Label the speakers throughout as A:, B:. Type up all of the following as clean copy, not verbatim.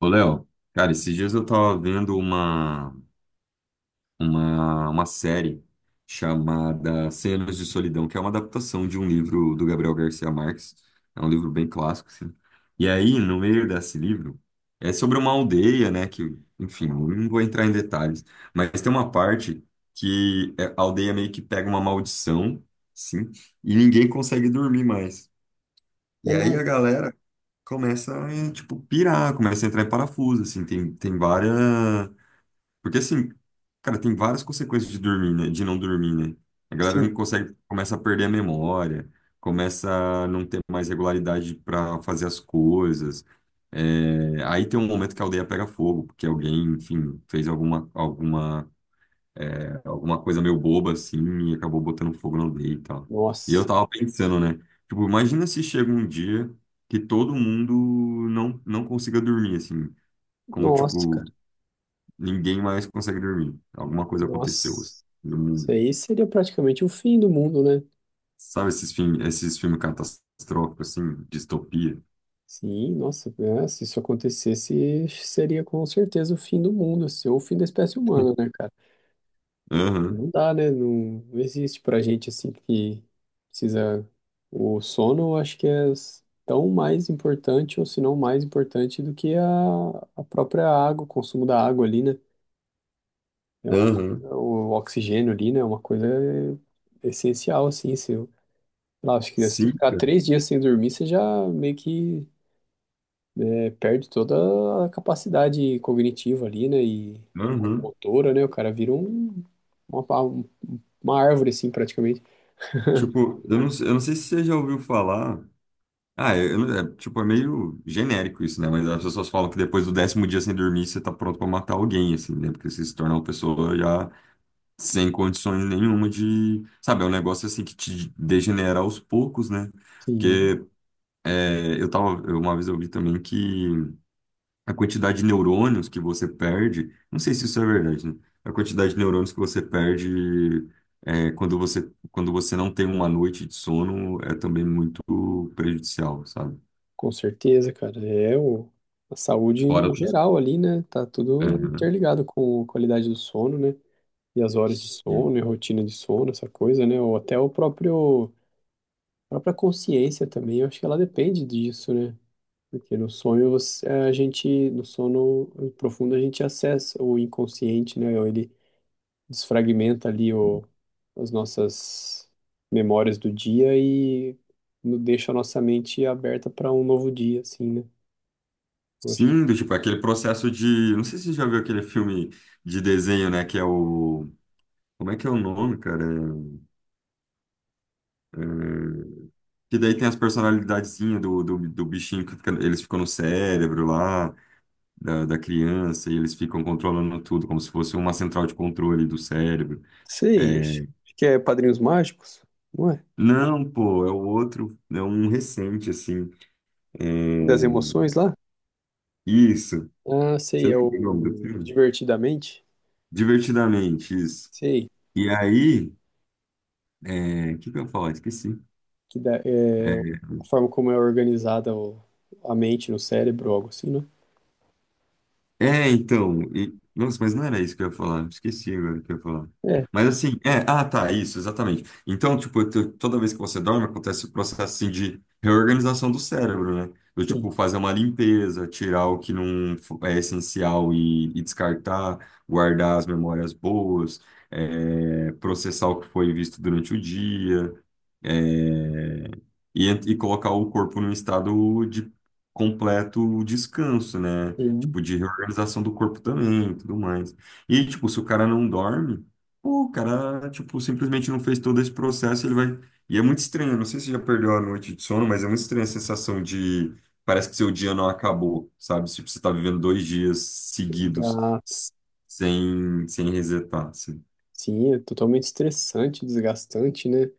A: Ô, Léo, cara, esses dias eu tava vendo uma, uma série chamada Cem Anos de Solidão, que é uma adaptação de um livro do Gabriel Garcia Marques. É um livro bem clássico, assim. E aí, no meio desse livro, é sobre uma aldeia, né, que, enfim, eu não vou entrar em detalhes, mas tem uma parte a aldeia meio que pega uma maldição, sim, e ninguém consegue dormir mais.
B: É
A: E aí
B: nada.
A: a galera começa a, tipo, pirar, começa a entrar em parafuso, assim, tem várias... Porque, assim, cara, tem várias consequências de dormir, né? De não dormir, né? A galera
B: Sim.
A: não consegue, começa a perder a memória, começa a não ter mais regularidade para fazer as coisas. É. Aí tem um momento que a aldeia pega fogo, porque alguém, enfim, fez alguma, alguma coisa meio boba assim e acabou botando fogo na aldeia e tal. E eu
B: Nossa.
A: tava pensando, né? Tipo, imagina se chega um dia que todo mundo não consiga dormir, assim, como
B: Nossa, cara.
A: tipo, ninguém mais consegue dormir. Alguma coisa aconteceu, assim,
B: Nossa.
A: no
B: Isso
A: mundo.
B: aí seria praticamente o fim do mundo, né?
A: Sabe esses filmes catastróficos, assim, distopia?
B: Sim, nossa. Se isso acontecesse, seria com certeza o fim do mundo, assim, ou o fim da espécie humana, né, cara?
A: Aham,
B: Não dá, né? Não, não existe pra gente assim que precisa. O sono, eu acho que é tão mais importante, ou se não mais importante, do que a própria água, o consumo da água ali, né? É uma
A: aham.
B: coisa, o oxigênio ali, né? É uma coisa essencial, assim. Se, eu- lá, acho que se
A: Sim,
B: ficar
A: cara.
B: três dias sem dormir, você já meio que né, perde toda a capacidade cognitiva ali, né? E
A: Aham.
B: motora, né? O cara vira uma, pa- uma árvore, assim, praticamente.
A: Tipo, eu não sei se você já ouviu falar. Ah, tipo, é meio genérico isso, né? Mas as pessoas falam que depois do décimo dia sem dormir, você tá pronto pra matar alguém, assim, né? Porque você se torna uma pessoa já sem condições nenhuma de... Sabe, é um negócio, assim, que te degenera aos poucos, né?
B: Sim,
A: Porque é, Uma vez eu vi também que a quantidade de neurônios que você perde... Não sei se isso é verdade, né? A quantidade de neurônios que você perde... é, quando você não tem uma noite de sono, é também muito prejudicial, sabe?
B: com certeza, cara. A saúde
A: Fora
B: no
A: outras.
B: geral ali, né? Tá tudo
A: Aham.
B: interligado com a qualidade do sono, né? E as horas de
A: Sim.
B: sono, e a rotina de sono, essa coisa, né? Ou até o próprio. A própria consciência também, eu acho que ela depende disso, né? Porque no sonho a gente, no sono profundo a gente acessa o inconsciente, né? Ou ele desfragmenta as nossas memórias do dia e deixa a nossa mente aberta para um novo dia, assim, né? Eu acho.
A: Sim, do tipo, aquele processo de. Não sei se você já viu aquele filme de desenho, né? Que é o. Como é que é o nome, cara? É- Que daí tem as personalidadezinhas do bichinho que fica- eles ficam no cérebro lá, da criança, e eles ficam controlando tudo, como se fosse uma central de controle do cérebro.
B: Sei, acho
A: É.
B: acho que é Padrinhos Mágicos, não é?
A: Não, pô, é o outro, é um recente, assim. É.
B: Das emoções lá?
A: Isso.
B: Ah,
A: Você
B: sei, é o
A: lembra o nome do filme?
B: Divertidamente.
A: Divertidamente, isso.
B: Sei.
A: E aí. É, o que que eu ia falar? Esqueci.
B: Que dá, é, a forma como é organizada a mente no cérebro, algo assim, né?
A: Então, nossa, mas não era isso que eu ia falar, esqueci agora o que eu ia falar.
B: É,
A: Mas assim, é, ah, tá, isso, exatamente. Então, tipo, toda vez que você dorme, acontece o processo assim de reorganização do cérebro, né? Eu,
B: sim,
A: tipo, fazer uma limpeza, tirar o que não fo- é essencial e descartar, guardar as memórias boas, é, processar o que foi visto durante o dia. É, e colocar o corpo num estado de completo descanso, né?
B: sim,
A: Tipo, de reorganização do corpo também, e tudo mais. E, tipo, se o cara não dorme, pô, o cara, tipo, simplesmente não fez todo esse processo, ele vai... E é muito estranho, eu não sei se você já perdeu a noite de sono, mas é muito estranha a sensação de... Parece que seu dia não acabou, sabe? Tipo, você tá vivendo 2 dias seguidos
B: exato.
A: s- sem resetar, assim.
B: Sim, é totalmente estressante, desgastante, né?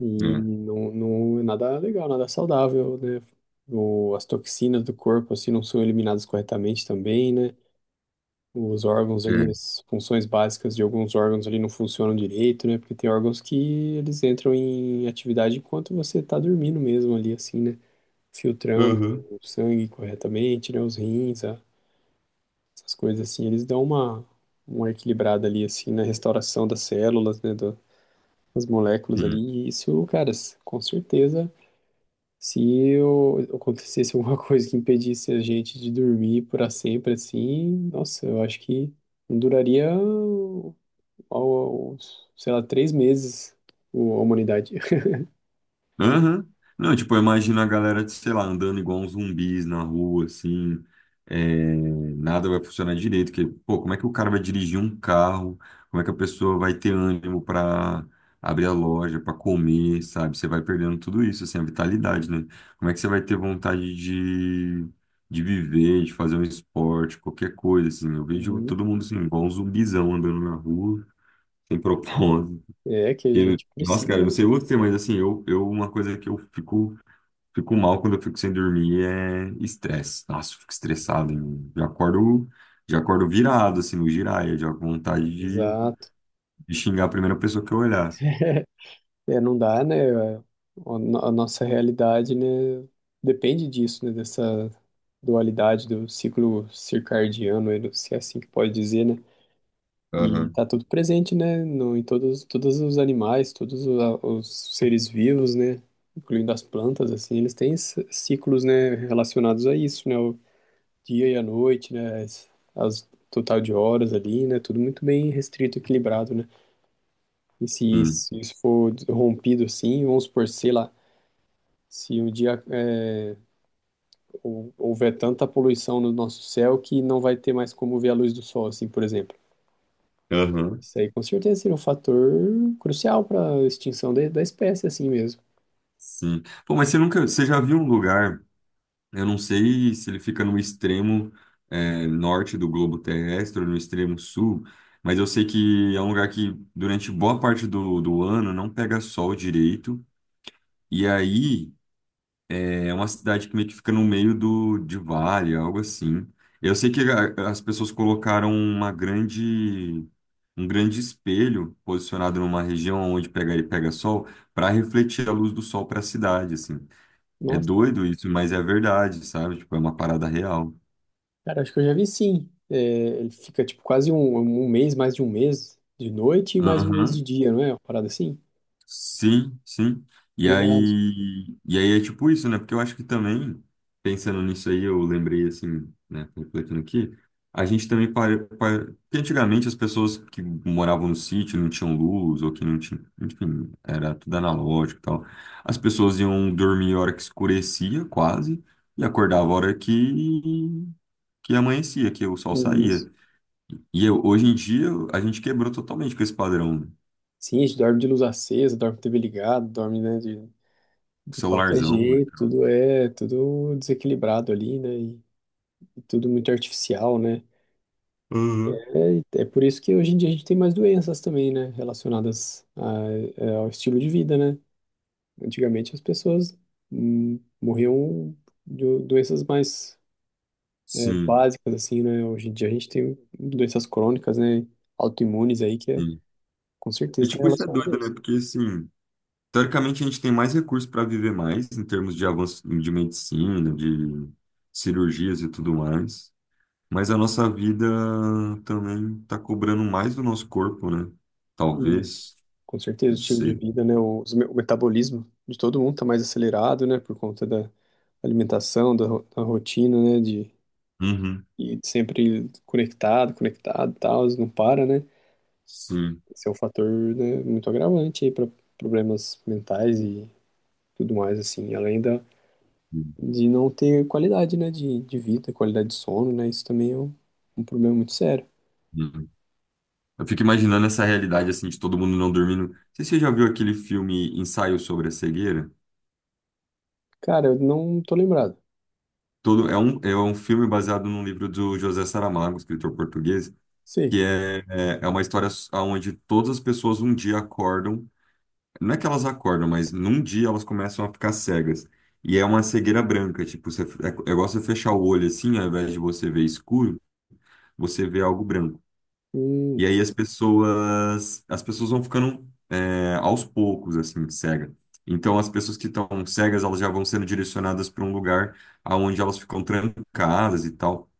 B: E
A: É,
B: não, não é nada legal, nada saudável, né? As toxinas do corpo, assim, não são eliminadas corretamente também, né? Os órgãos ali,
A: é.
B: as funções básicas de alguns órgãos ali não funcionam direito, né? Porque tem órgãos que eles entram em atividade enquanto você tá dormindo mesmo ali, assim, né? Filtrando
A: Uhum.
B: o sangue corretamente, né, os rins, essas coisas assim, eles dão uma equilibrada ali, assim, na restauração das células, né, das moléculas ali, e isso, cara, com certeza, se acontecesse alguma coisa que impedisse a gente de dormir para sempre, assim, nossa, eu acho que não duraria, ao- sei lá, três meses a humanidade.
A: Aham. Não, tipo, eu imagino a galera, de, sei lá, andando igual uns zumbis na rua, assim, é, nada vai funcionar direito, porque, pô, como é que o cara vai dirigir um carro? Como é que a pessoa vai ter ânimo pra abrir a loja, pra comer, sabe? Você vai perdendo tudo isso, assim, a vitalidade, né? Como é que você vai ter vontade de viver, de fazer um esporte, qualquer coisa, assim? Eu vejo
B: Uhum.
A: todo mundo, assim, igual um zumbizão andando na rua, sem propósito.
B: É, que a
A: Porque,
B: gente
A: nossa,
B: precisa,
A: cara, eu não
B: né?
A: sei você, mas assim, eu uma coisa que eu fico mal quando eu fico sem dormir é estresse. Nossa, eu fico estressado. Hein? Já acordo virado, assim, no giraia, já com vontade
B: Exato.
A: de xingar a primeira pessoa que eu olhasse.
B: É, não dá, né? A nossa realidade, né, depende disso, né? Dessa dualidade do ciclo circadiano, né, se é assim que pode dizer, né? E
A: Aham.
B: tá tudo presente, né? No, em todos os animais, os seres vivos, né? Incluindo as plantas, assim, eles têm ciclos, né? Relacionados a isso, né? O dia e a noite, né? As total de horas ali, né? Tudo muito bem restrito, equilibrado, né? E se,
A: Sim.
B: se isso for rompido, assim, vamos supor, sei lá. Se um dia houver tanta poluição no nosso céu que não vai ter mais como ver a luz do sol, assim, por exemplo.
A: Aham.
B: Isso aí com certeza seria um fator crucial para a extinção da espécie, assim mesmo.
A: Sim. Pô, mas você nunca, você já viu um lugar, eu não sei se ele fica no extremo é, norte do globo terrestre ou no extremo sul, mas eu sei que é um lugar que durante boa parte do ano não pega sol direito. E aí, é uma cidade que meio que fica no meio de vale, algo assim. Eu sei que as pessoas colocaram uma grande, um grande espelho posicionado numa região onde pega sol para refletir a luz do sol para a cidade, assim. É
B: Nossa,
A: doido isso, mas é verdade, sabe? Tipo, é uma parada real.
B: cara, acho que eu já vi sim. É, ele fica tipo quase um mês, mais de um mês de noite e mais um mês de
A: Aham.
B: dia, não é? Uma parada assim?
A: Sim, sim.
B: Verdade.
A: E aí é tipo isso, né? Porque eu acho que também, pensando nisso aí, eu lembrei assim, né, refletindo aqui, a gente também para, para... Porque antigamente as pessoas que moravam no sítio não tinham luz, ou que não tinham, enfim, era tudo analógico e tal. As pessoas iam dormir a hora que escurecia, quase, e acordava a hora que amanhecia, que o sol
B: Isso.
A: saía. Hoje em dia a gente quebrou totalmente com esse padrão,
B: Sim, a gente dorme de luz acesa, dorme com TV ligado, dorme, né, de qualquer
A: celularzão, né,
B: jeito, tudo é, tudo desequilibrado ali, né? E tudo muito artificial, né?
A: cara?
B: É, é por isso que hoje em dia a gente tem mais doenças também, né? Relacionadas ao estilo de vida, né? Antigamente as pessoas morriam de doenças mais
A: Sim,
B: básicas, assim, né? Hoje em dia a gente tem doenças crônicas, né? Autoimunes aí, que é,
A: sim.
B: com
A: E,
B: certeza está
A: tipo, isso é
B: relacionado a
A: doido, né?
B: isso.
A: Porque, assim, teoricamente a gente tem mais recursos para viver mais em termos de avanço de medicina, de cirurgias e tudo mais. Mas a nossa vida também tá cobrando mais do nosso corpo, né?
B: Isso.
A: Talvez.
B: Com certeza, o
A: Não
B: estilo de
A: sei.
B: vida, né? O metabolismo de todo mundo está mais acelerado, né? Por conta da alimentação, da rotina, né? De
A: Uhum.
B: e sempre conectado e tal, não para, né?
A: Sim.
B: Esse é um fator, né, muito agravante aí para problemas mentais e tudo mais, assim. Além
A: Uhum.
B: de não ter qualidade, né, de vida, qualidade de sono, né? Isso também é um, um problema muito sério.
A: Uhum. Eu fico imaginando essa realidade, assim, de todo mundo não dormindo. Não sei se você já viu aquele filme Ensaio sobre a Cegueira?
B: Cara, eu não tô lembrado.
A: Todo, é um filme baseado num livro do José Saramago, escritor português.
B: Sei.
A: Que é, é uma história onde todas as pessoas um dia acordam, não é que elas acordam, mas num dia elas começam a ficar cegas. E é uma cegueira branca, tipo, você, é, é igual você fechar o olho assim, ao invés de você ver escuro, você vê algo branco.
B: Hum,
A: E aí as pessoas vão ficando é, aos poucos, assim, cega. Então as pessoas que estão cegas, elas já vão sendo direcionadas para um lugar aonde elas ficam trancadas e tal.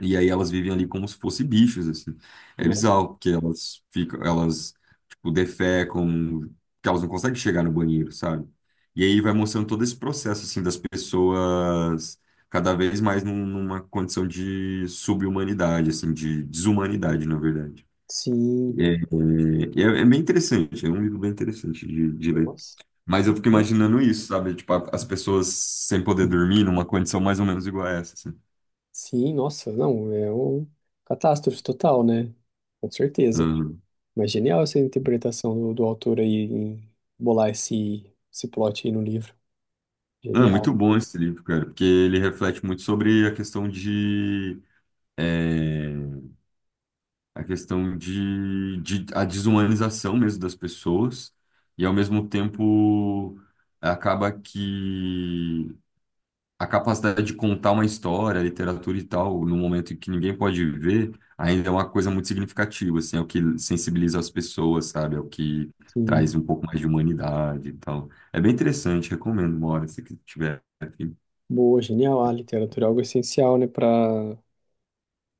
A: E aí elas vivem ali como se fossem bichos, assim. É
B: nossa.
A: bizarro, porque elas, tipo, defecam, porque elas não conseguem chegar no banheiro, sabe? E aí vai mostrando todo esse processo, assim, das pessoas cada vez mais numa condição de subhumanidade, assim, de desumanidade, na verdade.
B: Sim.
A: É, é bem interessante, é um livro bem interessante de ler.
B: Nossa.
A: Mas eu fico imaginando isso, sabe? Tipo, as pessoas sem poder dormir numa condição mais ou menos igual a essa, assim.
B: Sim, nossa. Não, é um catástrofe total, né? Com certeza. Mas genial essa interpretação do, do autor aí em bolar esse, esse plot aí no livro.
A: Ah, muito
B: Genial.
A: bom esse livro, cara, porque ele reflete muito sobre a questão de é, a questão de a desumanização mesmo das pessoas e ao mesmo tempo acaba que a capacidade de contar uma história, literatura e tal, no momento em que ninguém pode ver, ainda é uma coisa muito significativa, assim, é o que sensibiliza as pessoas, sabe? É o que traz
B: Sim.
A: um pouco mais de humanidade e tal. É bem interessante, recomendo uma hora se que tiver. Afim.
B: Boa, genial. A literatura é algo essencial, né, para a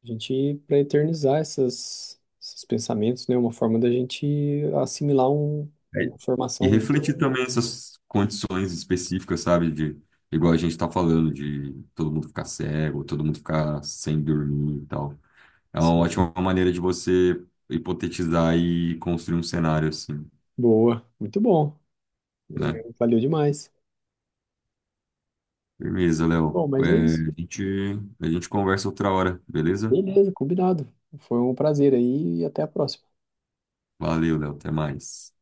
B: gente para eternizar essas, esses pensamentos, né? Uma forma da gente assimilar um, uma
A: E
B: formação
A: refletir
B: muito
A: também essas condições específicas, sabe? De, igual a gente tá falando, de todo mundo ficar cego, todo mundo ficar sem dormir e tal. É uma
B: sim,
A: ótima maneira de você hipotetizar e construir um cenário assim,
B: boa, muito bom.
A: né?
B: Valeu demais.
A: Firmeza, Léo.
B: Bom, mas é
A: É,
B: isso.
A: a gente conversa outra hora, beleza?
B: Beleza, combinado. Foi um prazer aí e até a próxima.
A: Valeu, Léo. Até mais.